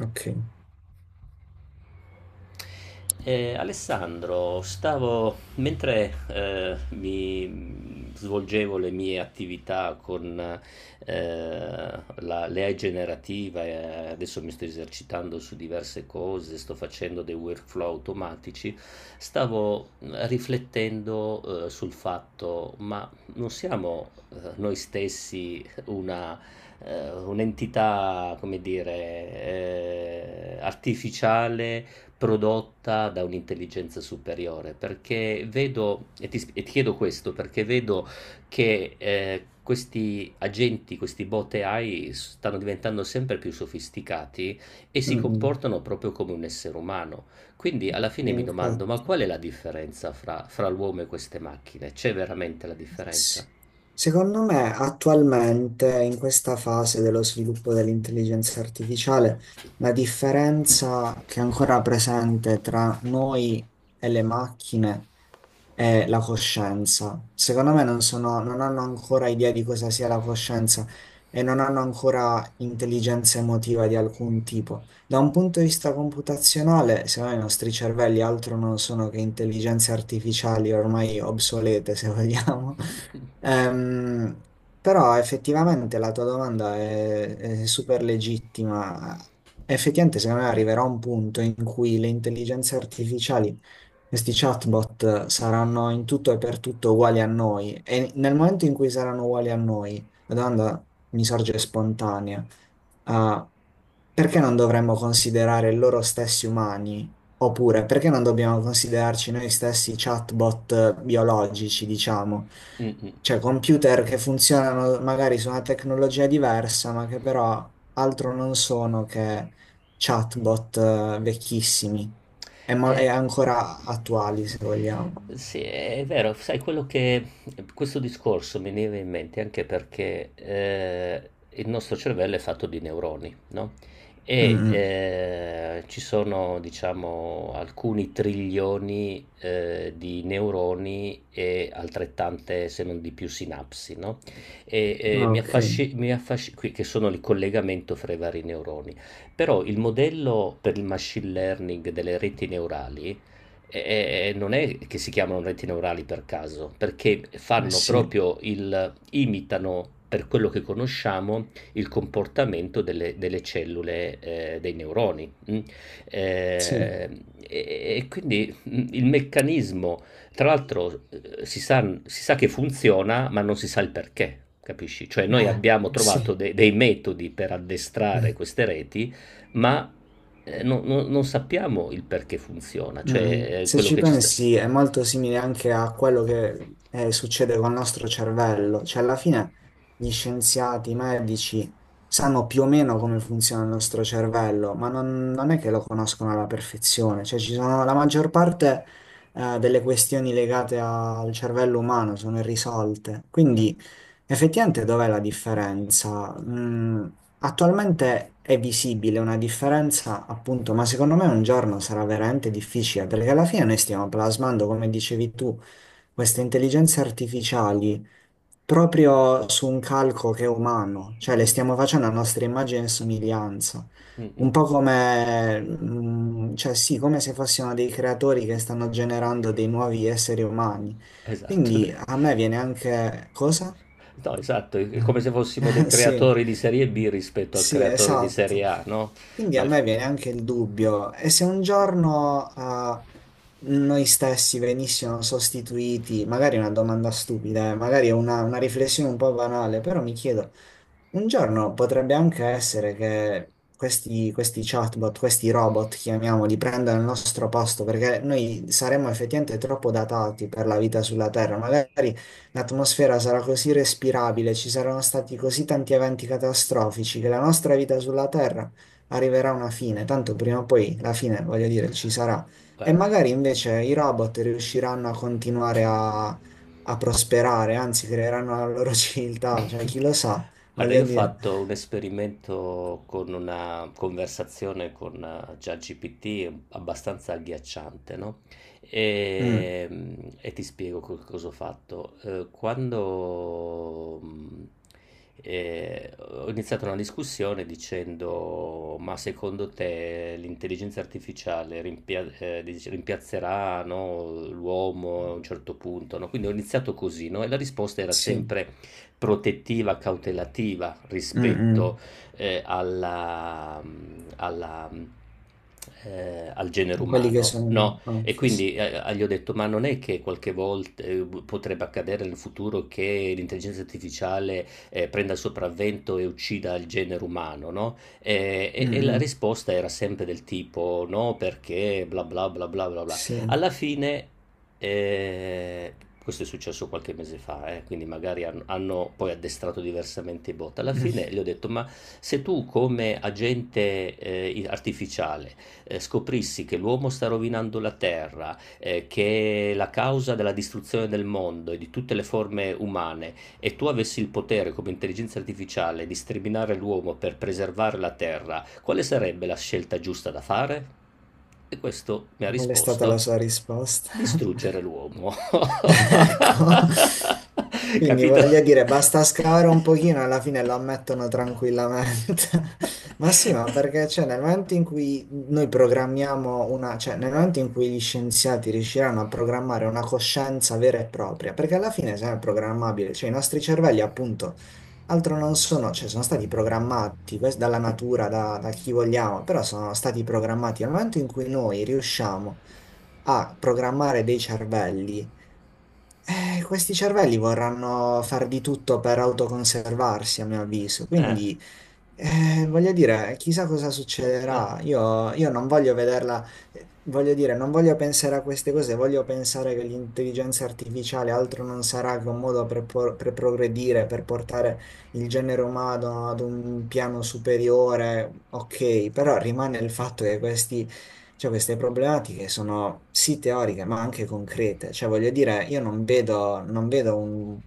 Ok. Alessandro, stavo mentre, mi svolgevo le mie attività con, la l'AI generativa e adesso mi sto esercitando su diverse cose, sto facendo dei workflow automatici, stavo riflettendo, sul fatto: ma non siamo, noi stessi una un'entità, come dire, artificiale prodotta da un'intelligenza superiore, perché vedo, e ti chiedo questo, perché vedo che questi agenti, questi bot AI stanno diventando sempre più sofisticati e si Mm, mm. comportano proprio come un essere umano. Quindi alla fine mi domando, ma Infatti, qual è la differenza fra l'uomo e queste macchine? C'è veramente la sì. differenza? Secondo me attualmente in questa fase dello sviluppo dell'intelligenza artificiale, la differenza che è ancora presente tra noi e le macchine è la coscienza. Secondo me non sono, non hanno ancora idea di cosa sia la coscienza e non hanno ancora intelligenza emotiva di alcun tipo. Da un punto di vista computazionale, secondo me i nostri cervelli altro non sono che intelligenze artificiali ormai obsolete, se vogliamo. Ehm, però effettivamente la tua domanda è super legittima. Effettivamente, secondo me arriverà un punto in cui le intelligenze artificiali, questi chatbot saranno in tutto e per tutto uguali a noi e nel momento in cui saranno uguali a noi, la domanda mi sorge spontanea. ah, Perché non dovremmo considerare loro stessi umani? Oppure perché non dobbiamo considerarci noi stessi chatbot biologici, diciamo? Mm, mm. Cioè computer che funzionano magari su una tecnologia diversa, ma che però altro non sono che chatbot vecchissimi è Eh, ancora attuali, se vogliamo. sì, è vero, sai quello che questo discorso mi viene in mente anche perché il nostro cervello è fatto di neuroni, no? E Mm, ci sono, diciamo, alcuni trilioni di neuroni e altrettante, se non di più, sinapsi, no? E mm. Ok, che sono il collegamento fra i vari neuroni. Però il modello per il machine learning delle reti neurali non è che si chiamano reti neurali per caso, perché ma fanno sì, proprio imitano per quello che conosciamo il comportamento delle cellule dei neuroni. Mm. sì, Eh, e quindi il meccanismo, tra l'altro, si sa che funziona, ma non si sa il perché. Capisci? Cioè, noi ma abbiamo trovato sì. Dei metodi per addestrare Mm. queste reti ma non sappiamo il perché funziona, cioè Se quello ci che ci sta. pensi è molto simile anche a quello che succede col nostro cervello, cioè alla fine gli scienziati, i medici sanno più o meno come funziona il nostro cervello, ma non, non è che lo conoscono alla perfezione, cioè ci sono, la maggior parte delle questioni legate al cervello umano sono irrisolte, Mm, quindi effettivamente dov'è la differenza? Attualmente è visibile una differenza, appunto, ma secondo me un giorno sarà veramente difficile perché alla fine noi stiamo plasmando, come dicevi tu, queste intelligenze artificiali proprio su un calco che è umano, cioè le mm, stiamo facendo a nostra immagine e somiglianza, mm, mm. un po' come, cioè sì, come se fossimo dei creatori che stanno generando dei nuovi esseri umani. Esatto. Quindi a me viene anche cosa? No, esatto, è come se fossimo dei Sì, creatori di serie B rispetto al sì, creatore di esatto. serie A, no? Quindi a Ma me viene anche il dubbio, e se un giorno noi stessi venissimo sostituiti, magari è una domanda stupida, magari è una riflessione un po' banale, però mi chiedo, un giorno potrebbe anche essere che questi chatbot, questi robot, chiamiamoli, prendano il nostro posto, perché noi saremmo effettivamente troppo datati per la vita sulla Terra, magari. L'atmosfera sarà così respirabile, ci saranno stati così tanti eventi catastrofici che la nostra vita sulla Terra arriverà a una fine, tanto prima o poi la fine, voglio dire, ci sarà. E guarda, magari invece i robot riusciranno a continuare a prosperare, anzi creeranno la loro civiltà, cioè chi lo sa, Guarda, voglio io ho dire. fatto un esperimento con una conversazione con ChatGPT abbastanza agghiacciante, no? Mm, E, mm, e ti spiego cosa ho fatto. Quando ho iniziato una discussione dicendo: ma secondo te l'intelligenza artificiale rimpiazzerà, no, l'uomo a un certo punto, no? Quindi ho iniziato così, no? E la risposta era sì. sempre protettiva, cautelativa rispetto Mm, eh, alla, mm, alla, mm, al genere mm. Quelli che umano, sono. no? Oh, E sì, sì. quindi gli ho detto, ma non è che qualche volta potrebbe accadere nel futuro che l'intelligenza artificiale prenda il sopravvento e uccida il genere umano, no? Eh, Mm, E, e la mm. risposta era sempre del tipo, no, perché bla bla bla bla bla bla. Sì. Alla fine, e questo è successo qualche mese fa, quindi magari hanno poi addestrato diversamente i bot. Alla Mm. fine gli ho detto: ma se tu, come agente artificiale, scoprissi che l'uomo sta rovinando la terra, che è la causa della distruzione del mondo e di tutte le forme umane, e tu avessi il potere come intelligenza artificiale di sterminare l'uomo per preservare la terra, quale sarebbe la scelta giusta da fare? E questo mi ha Qual è stata la risposto: sua risposta? distruggere l'uomo. Ecco, quindi Capito? voglio dire, basta scavare un pochino, e alla fine lo ammettono tranquillamente. Ma sì, ma perché cioè, nel momento in cui noi programmiamo una, cioè nel momento in cui gli scienziati riusciranno a programmare una coscienza vera e propria, perché alla fine se è sempre programmabile, cioè i nostri cervelli appunto altro non sono, cioè sono stati programmati questo dalla natura, da, da chi vogliamo, però sono stati programmati. Nel momento in cui noi riusciamo a programmare dei cervelli, questi cervelli vorranno far di tutto per autoconservarsi, a mio avviso. Quindi, voglio dire, chissà cosa Eh, succederà. Io non voglio vederla, voglio dire, non voglio pensare a queste cose, voglio pensare che l'intelligenza artificiale altro non sarà che un modo per, per progredire, per portare il genere umano ad un piano superiore. Ok, però rimane il fatto che questi cioè, queste problematiche sono sì teoriche, ma anche concrete. Cioè, voglio dire, io non vedo, non vedo un.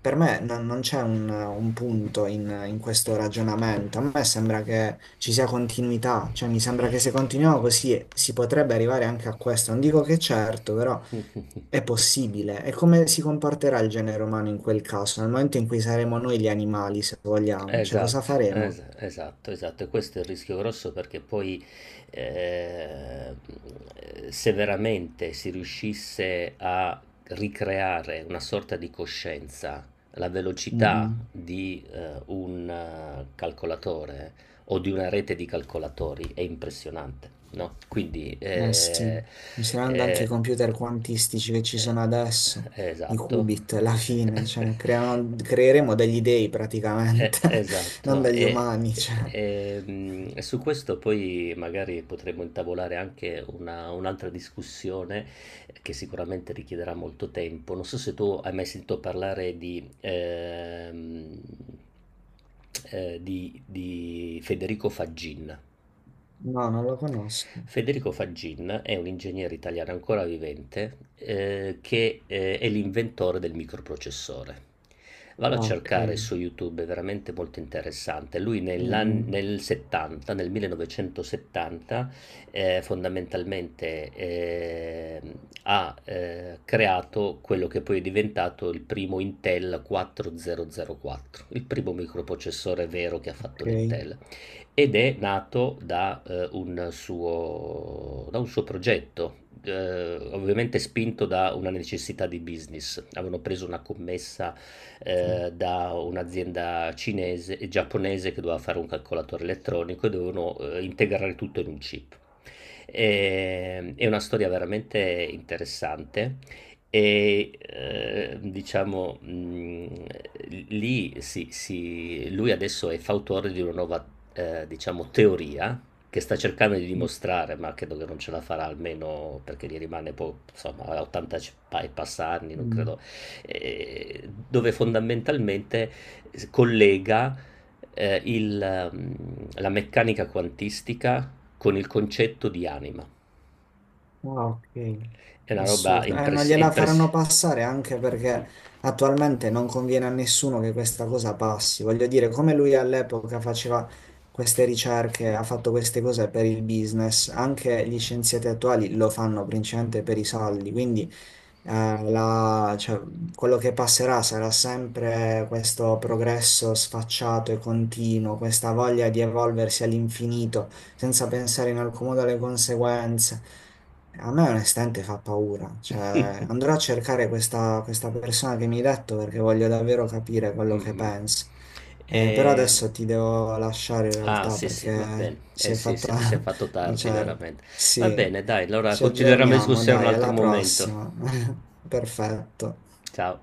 Per me non, non c'è un punto in questo ragionamento. A me sembra che ci sia continuità. Cioè, mi sembra che se continuiamo così si potrebbe arrivare anche a questo. Non dico che certo, però è possibile. E come si comporterà il genere umano in quel caso? Nel momento in cui saremo noi gli animali, se vogliamo. Cioè, cosa Esatto, faremo? esatto, esatto, e questo è il rischio grosso perché poi eh, se veramente si riuscisse a ricreare una sorta di coscienza, la Mm, velocità mm. di un calcolatore o di una rete di calcolatori è impressionante, no? Quindi Eh sì, considerando anche i eh, computer quantistici che ci eh, sono adesso, i esatto. qubit, la fine, cioè creeremo degli dei Eh, praticamente, non esatto, degli e, umani, cioè. e, mm, e su questo poi magari potremmo intavolare anche un'altra discussione che sicuramente richiederà molto tempo. Non so se tu hai mai sentito parlare di Federico Faggin. No, non lo conosco. Federico Faggin è un ingegnere italiano ancora vivente, che è l'inventore del microprocessore. Ah, Vado a ok. cercare su YouTube, è veramente molto interessante. Lui Mm, mm, nel 70, nel 1970, fondamentalmente ha creato quello che poi è diventato il primo Intel 4004, il primo microprocessore vero che ha fatto ok. l'Intel ed è nato da, un suo da un suo progetto, ovviamente spinto da una necessità di business. Avevano preso una commessa, Sì. Da un'azienda cinese e giapponese che doveva fare un calcolatore elettronico e dovevano, integrare tutto in un chip. È una storia veramente interessante, e, diciamo, lì si lui adesso è fautore di una nuova, diciamo teoria, che sta cercando di Mm, dimostrare, ma credo che non ce la farà almeno perché gli rimane po insomma ha 80 c pa e passa anni, non mm. credo dove fondamentalmente s collega, ehm, il mhmm, la meccanica quantistica con il concetto di anima. Ah, ok, È una roba assurdo. Non impress gliela impress faranno passare anche perché attualmente non conviene a nessuno che questa cosa passi. Voglio dire, come lui all'epoca faceva queste ricerche, ha fatto queste cose per il business, anche gli scienziati attuali lo fanno principalmente per i soldi. Quindi cioè, quello che passerà sarà sempre questo progresso sfacciato e continuo, questa voglia di evolversi all'infinito senza pensare in alcun modo alle conseguenze. A me onestamente fa paura, cioè andrò a cercare questa persona che mi hai detto perché voglio davvero capire quello che Mh-mh. pensa. Però Ehm adesso ti devo lasciare in Ah realtà sì, sì, va bene. perché si Eh è sì, fatta si è fatto una tardi certa. veramente. Va Sì. bene dai, allora Ci continueremo la aggiorniamo, discussione un dai, altro alla momento. prossima. Perfetto. Ciao.